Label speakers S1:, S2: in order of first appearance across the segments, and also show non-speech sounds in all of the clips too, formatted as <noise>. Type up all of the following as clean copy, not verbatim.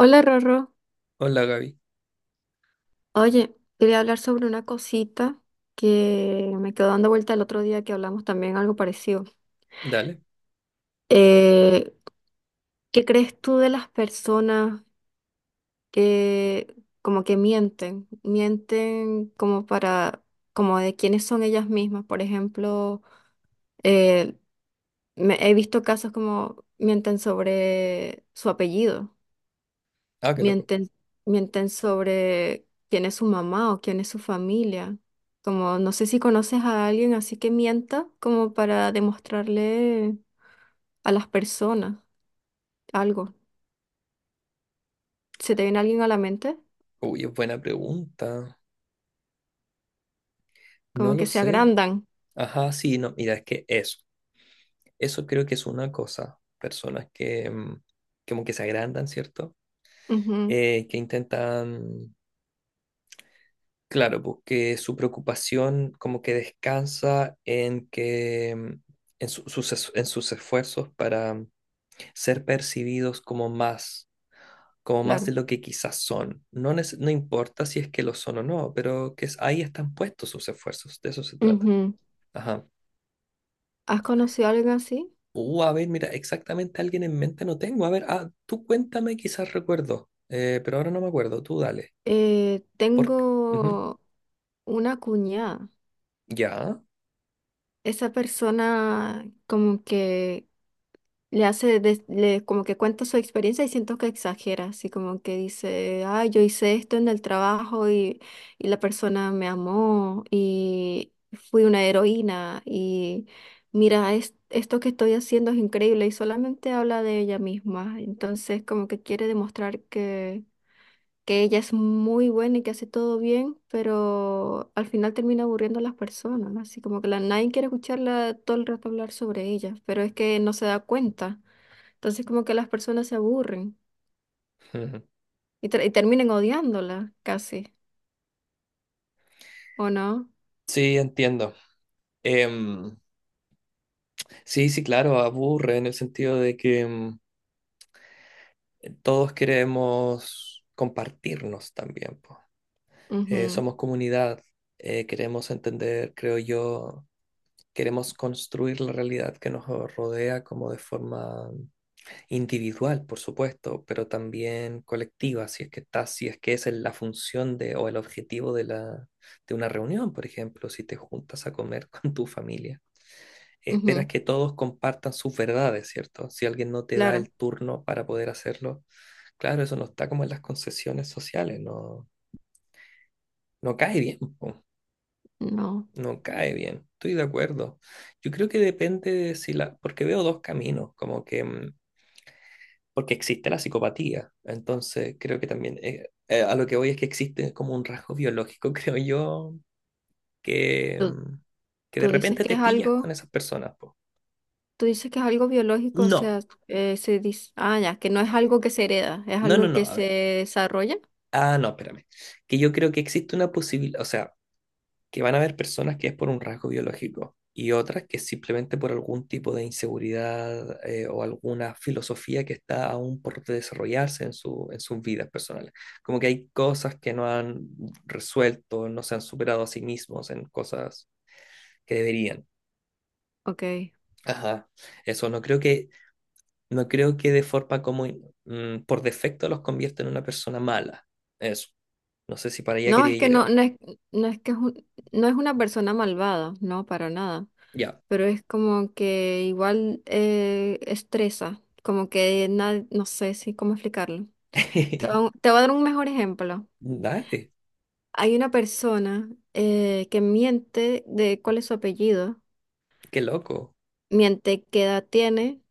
S1: Hola Rorro,
S2: Hola Gaby,
S1: oye, quería hablar sobre una cosita que me quedó dando vuelta el otro día que hablamos también algo parecido.
S2: dale.
S1: Eh, ¿Qué crees tú de las personas que como que mienten? Mienten como para, como de quiénes son ellas mismas. Por ejemplo, eh, he visto casos como mienten sobre su apellido.
S2: Ah, qué loco.
S1: Mienten, mienten sobre quién es su mamá o quién es su familia. Como no sé si conoces a alguien así que mienta como para demostrarle a las personas algo. ¿Se te viene alguien a la mente?
S2: Uy, es buena pregunta. No
S1: Como
S2: lo
S1: que se
S2: sé.
S1: agrandan.
S2: Ajá, sí, no, mira, es que eso. Eso creo que es una cosa. Personas que como que se agrandan, ¿cierto?
S1: Ujú,
S2: Que intentan, claro, porque su preocupación como que descansa en que en sus esfuerzos para ser percibidos como más. Como más
S1: claro.
S2: de lo que quizás son. No, no importa si es que lo son o no, pero ahí están puestos sus esfuerzos, de eso se trata.
S1: Ujú.
S2: Ajá.
S1: ¿Has conocido a alguien así?
S2: A ver, mira, exactamente alguien en mente no tengo. A ver, ah, tú cuéntame, quizás recuerdo. Pero ahora no me acuerdo, tú dale. Por... Ujú.
S1: Tengo una cuñada.
S2: Ya.
S1: Esa persona como que le hace, como que cuenta su experiencia y siento que exagera, así como que dice, ay, yo hice esto en el trabajo y la persona me amó y fui una heroína y mira, esto que estoy haciendo es increíble y solamente habla de ella misma, entonces como que quiere demostrar que ella es muy buena y que hace todo bien, pero al final termina aburriendo a las personas, así como que la, nadie quiere escucharla todo el rato hablar sobre ella, pero es que no se da cuenta. Entonces como que las personas se aburren
S2: Ujú.
S1: y, y terminan odiándola casi, ¿o no?
S2: Sí, entiendo. Em, sí, sí, claro, aburre en el sentido de que todos queremos compartirnos también, po.
S1: Ujú,
S2: Somos comunidad, queremos entender, creo yo, queremos construir la realidad que nos rodea como de forma individual, por supuesto, pero también colectiva, si es que está, si es que es la función de, o el objetivo de la, de una reunión, por ejemplo, si te juntas a comer <laughs> con tu familia. Esperas
S1: ujú.
S2: que todos compartan sus verdades, ¿cierto? Si alguien no te da
S1: Claro,
S2: el turno para poder hacerlo, claro, eso no está como en las concesiones sociales, no, no cae bien.
S1: no.
S2: No cae bien, estoy de acuerdo. Yo creo que depende de si la, porque veo dos caminos, como que, porque existe la psicopatía, entonces creo que también, a lo que voy es que existe como un rasgo biológico, <laughs> creo yo, que,
S1: Tú,
S2: que de
S1: tú dices
S2: repente
S1: que
S2: te
S1: es
S2: pillas con
S1: algo,
S2: esas personas, po.
S1: tú dices que es algo biológico, o
S2: No,
S1: sea, se dice, ah, ya, que no es algo que se hereda, es
S2: no, no,
S1: algo
S2: no,
S1: que
S2: a
S1: se
S2: ver,
S1: desarrolla.
S2: ah, no, espérame, que yo creo que existe una posibilidad, o sea, que van a haber personas que es por un rasgo biológico y otras que es simplemente por algún tipo de inseguridad, o alguna filosofía que está aún por desarrollarse en su, en sus vidas personales. Como que hay cosas que no han resuelto, no se han superado a sí mismos en cosas que deberían.
S1: Ok.
S2: Ajá, eso no creo que, no creo que de forma como por defecto los convierta en una persona mala. Eso. No sé si para allá
S1: No,
S2: quería
S1: es que no,
S2: llegar.
S1: no es, no es que no es una persona malvada, no, para nada.
S2: Ya.
S1: Pero es como que igual estresa, como que no sé si cómo explicarlo.
S2: <laughs>
S1: Te voy a dar un mejor ejemplo.
S2: Dale,
S1: Hay una persona que miente de cuál es su apellido,
S2: qué loco.
S1: miente qué edad tiene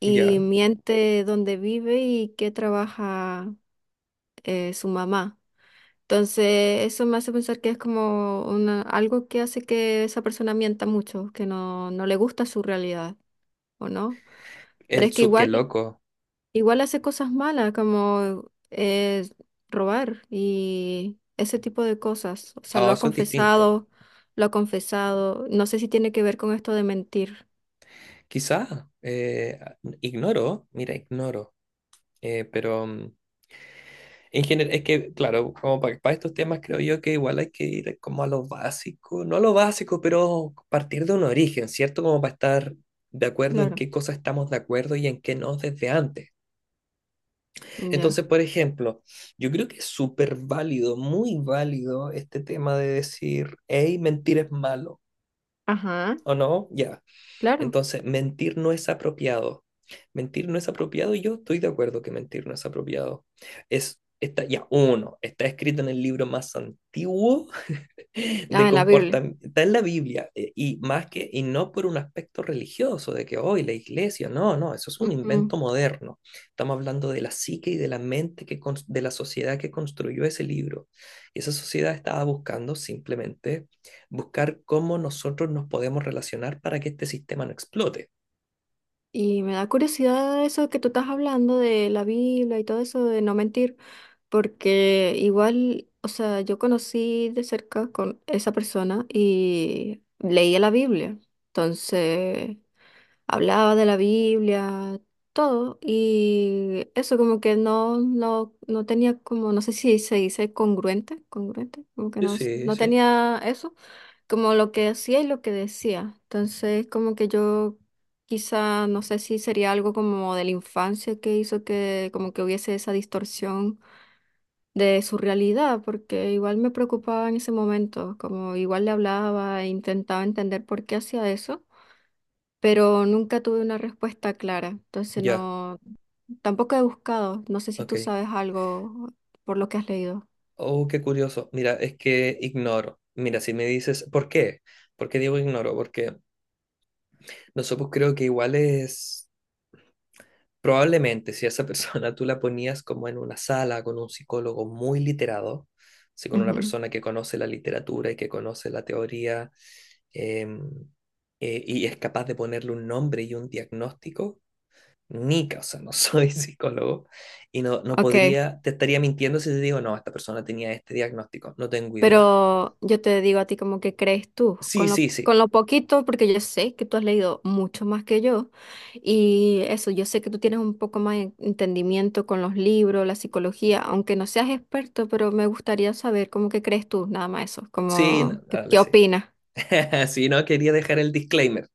S1: y
S2: Ya.
S1: miente dónde vive y qué trabaja su mamá. Entonces, eso me hace pensar que es como una, algo que hace que esa persona mienta mucho, que no, no le gusta su realidad, ¿o no? Pero
S2: El
S1: es que
S2: Tsuke
S1: igual
S2: loco.
S1: igual hace cosas malas como robar y ese tipo de cosas. O sea,
S2: Ah,
S1: lo ha
S2: eso es distinto.
S1: confesado, lo ha confesado. No sé si tiene que ver con esto de mentir.
S2: Quizá, ignoro, mira, ignoro. Pero en general, es que, claro, como para, estos temas creo yo que igual hay que ir como a lo básico, no a lo básico, pero partir de un origen, ¿cierto? Como para estar de acuerdo en
S1: Claro,
S2: qué cosas estamos de acuerdo y en qué no desde antes.
S1: ya.
S2: Entonces, por ejemplo, yo creo que es súper válido, muy válido este tema de decir, hey, mentir es malo,
S1: Ajá,
S2: ¿o no? Ya.
S1: claro.
S2: Entonces, mentir no es apropiado. Mentir no es apropiado y yo estoy de acuerdo que mentir no es apropiado. Es, está, ya, uno, está escrito en el libro más antiguo de
S1: Ah, en la Biblia.
S2: comportamiento, está en la Biblia, y más que, y no por un aspecto religioso, de que hoy la iglesia, no, no, eso es un
S1: Ujú.
S2: invento moderno. Estamos hablando de la psique y de la mente, de la sociedad que construyó ese libro. Y esa sociedad estaba buscando simplemente buscar cómo nosotros nos podemos relacionar para que este sistema no explote.
S1: Y me da curiosidad eso que tú estás hablando de la Biblia y todo eso de no mentir, porque igual, o sea, yo conocí de cerca con esa persona y leía la Biblia. Entonces hablaba de la Biblia, todo, y eso como que no, no, no tenía como, no sé si se dice congruente, congruente, como que
S2: Sí,
S1: no,
S2: sí,
S1: no
S2: sí.
S1: tenía eso, como lo que hacía y lo que decía. Entonces como que yo quizá, no sé si sería algo como de la infancia que hizo que como que hubiese esa distorsión de su realidad, porque igual me preocupaba en ese momento, como igual le hablaba e intentaba entender por qué hacía eso pero nunca tuve una respuesta clara. Entonces
S2: Ya,
S1: no, tampoco he buscado. No sé si
S2: ok.
S1: tú sabes algo por lo que has leído.
S2: Oh, qué curioso. Mira, es que ignoro. Mira, si me dices, ¿por qué? ¿Por qué digo ignoro? Porque no sé, pues creo que igual es, probablemente si a esa persona <laughs> tú la ponías como en una sala con un psicólogo muy literado, así con una
S1: Ujú.
S2: persona que conoce la literatura y que conoce la teoría, em, y es capaz de ponerle un nombre y un diagnóstico, ni, ca- o sea, no soy <laughs> psicólogo y no, no
S1: Ok,
S2: podría, te estaría mintiendo si te digo, no, esta persona tenía este diagnóstico, no tengo idea.
S1: pero yo te digo a ti como que crees tú,
S2: Sí, sí, sí,
S1: con lo poquito, porque yo sé que tú has leído mucho más que yo, y eso, yo sé que tú tienes un poco más de entendimiento con los libros, la psicología, aunque no seas experto, pero me gustaría saber cómo que crees tú, nada más eso,
S2: sí, no,
S1: como, ¿qué,
S2: dale,
S1: qué
S2: sí.
S1: opinas?
S2: <laughs> Sí, no, quería dejar el disclaimer.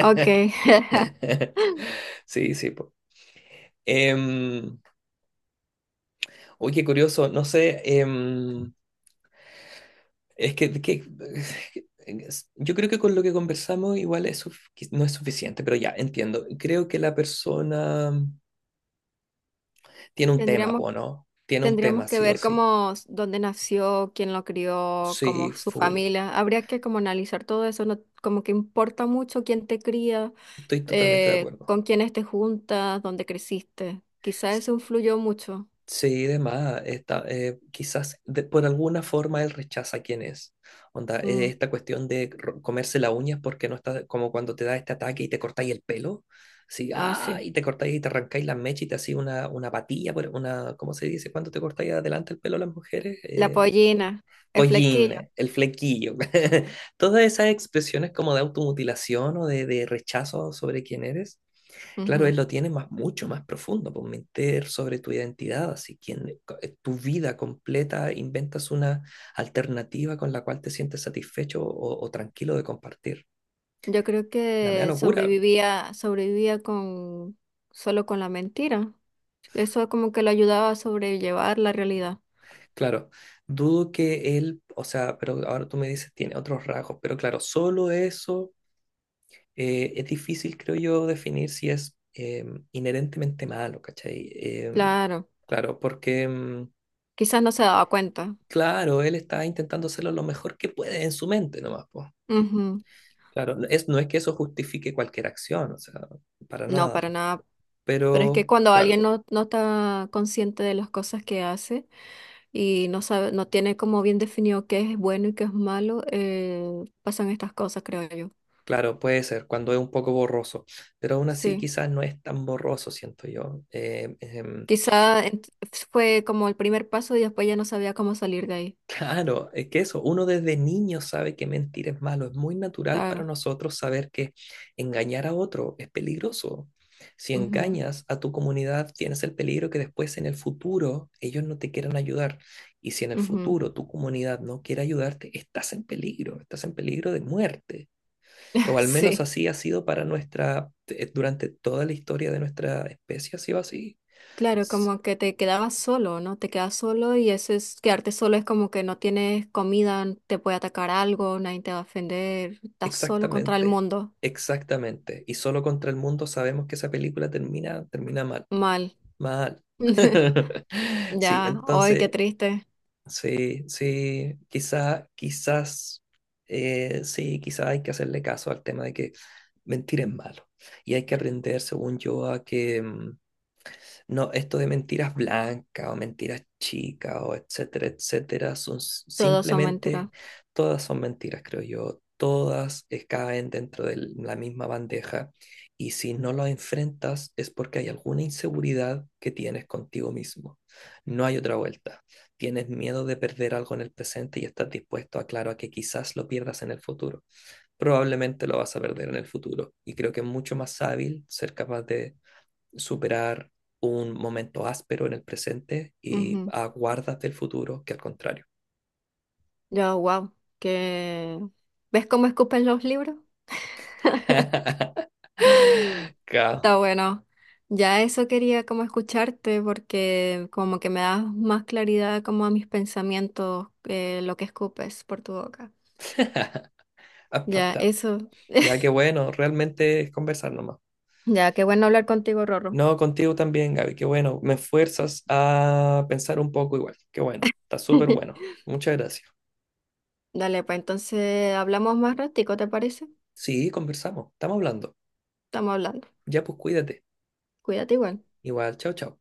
S1: Ok, <laughs>
S2: <laughs> Sí, sí, po. Em, oye, qué curioso, no sé, es que- es- yo creo que con lo que conversamos igual que no es suficiente, pero ya, entiendo. Creo que la persona tiene un tema,
S1: tendríamos
S2: po, ¿no? Tiene un
S1: tendríamos
S2: tema,
S1: que
S2: sí o
S1: ver
S2: sí.
S1: cómo, dónde nació, quién lo crió,
S2: Sí,
S1: como su
S2: full.
S1: familia. Habría que como analizar todo eso, no, como que importa mucho quién te cría,
S2: Estoy totalmente de acuerdo.
S1: con quiénes te juntas, dónde creciste. Quizás eso influyó mucho.
S2: Sí, de más, está, quizás por alguna forma él rechaza quién es. Onda,
S1: Mm,
S2: esta cuestión de comerse las uñas porque no está como cuando te da este ataque y te cortáis el pelo. Sí,
S1: ah,
S2: ah,
S1: sí.
S2: y te cortáis y te arrancáis las mechas y te hacía una patilla, una, ¿cómo se dice? Cuando te cortáis adelante el pelo a las mujeres,
S1: La pollina, el
S2: pollín,
S1: flequillo.
S2: el flequillo. <laughs> Todas esas expresiones como de automutilación o de rechazo sobre quién eres. Claro, él
S1: Ujú.
S2: lo tiene más, mucho más profundo, por meter sobre tu identidad, así quien, tu vida completa, inventas una alternativa con la cual te sientes satisfecho o tranquilo de compartir.
S1: Yo creo
S2: La media
S1: que
S2: locura,
S1: sobrevivía, sobrevivía con solo con la mentira. Eso como que lo ayudaba a sobrellevar la realidad.
S2: claro, dudo que él, o sea, pero ahora tú me dices, tiene otros rasgos, pero claro, solo eso, es difícil, creo yo, definir si es, inherentemente malo, ¿cachai?
S1: Claro.
S2: Claro, porque,
S1: Quizás no se daba cuenta.
S2: claro, él está intentando hacerlo lo mejor que puede en su mente nomás, pues.
S1: Ujú.
S2: Claro, es, no es que eso justifique cualquier acción, o sea, para
S1: No,
S2: nada,
S1: para nada. Pero es que
S2: pero
S1: cuando
S2: claro,
S1: alguien no, no está consciente de las cosas que hace y no sabe, no tiene como bien definido qué es bueno y qué es malo, pasan estas cosas, creo yo.
S2: claro, puede ser cuando es un poco borroso, pero aún así
S1: Sí.
S2: quizás no es tan borroso, siento yo.
S1: Quizá ent- fue como el primer paso y después ya no sabía cómo salir de ahí.
S2: Claro, es que eso, uno desde niño sabe que mentir es malo, es muy natural para
S1: Claro.
S2: nosotros saber que engañar a otro es peligroso. Si
S1: Ujú,
S2: engañas a tu comunidad, tienes el peligro que después en el futuro ellos no te quieran ayudar. Y si en el
S1: ujú.
S2: futuro tu comunidad no quiere ayudarte, estás en peligro de muerte. O
S1: <laughs>
S2: al menos
S1: Sí.
S2: así ha sido para nuestra, durante toda la historia de nuestra especie, ha sido así.
S1: Claro, como que te quedabas solo, ¿no? Te quedas solo y eso es, quedarte solo es como que no tienes comida, te puede atacar algo, nadie te va a ofender, estás solo contra el
S2: Exactamente,
S1: mundo.
S2: exactamente. Y solo contra el mundo sabemos que esa película termina, termina mal,
S1: Mal.
S2: mal.
S1: <laughs>
S2: <laughs> Sí,
S1: Ya, hoy qué
S2: entonces,
S1: triste.
S2: sí, sí, quizá, quizás, sí, quizá hay que hacerle caso al tema de que mentir es malo. Y hay que aprender, según yo, a que, no, esto de mentiras blancas o mentiras chicas o etcétera, etcétera,
S1: Todos son mentiras.
S2: simplemente, todas son mentiras, creo yo. Todas caen dentro de la misma bandeja y si no lo enfrentas es porque hay alguna inseguridad que tienes contigo mismo. No hay otra vuelta. Tienes miedo de perder algo en el presente y estás dispuesto a, claro, a que quizás lo pierdas en el futuro. Probablemente lo vas a perder en el futuro y creo que es mucho más hábil ser capaz de superar un momento áspero en el presente y
S1: Ujú.
S2: aguardas del futuro que al contrario.
S1: Yo, wow, que ¿ves cómo escupen los libros? Está bueno. Ya eso quería como escucharte porque como que me das más claridad como a mis pensamientos lo que escupes por tu boca. Ya,
S2: <laughs>
S1: eso.
S2: Ya, que
S1: <laughs>
S2: bueno, realmente es conversar nomás.
S1: Ya, qué bueno hablar contigo, Rorro.
S2: No, contigo también, Gaby, qué bueno. Me fuerzas a pensar un poco igual. Qué bueno, está súper bueno.
S1: <laughs>
S2: Muchas gracias.
S1: Dale, pues entonces hablamos más ratico, ¿te parece?
S2: Sí, conversamos, estamos hablando.
S1: Estamos hablando.
S2: Ya pues cuídate.
S1: Cuídate igual.
S2: Igual, chao, chao.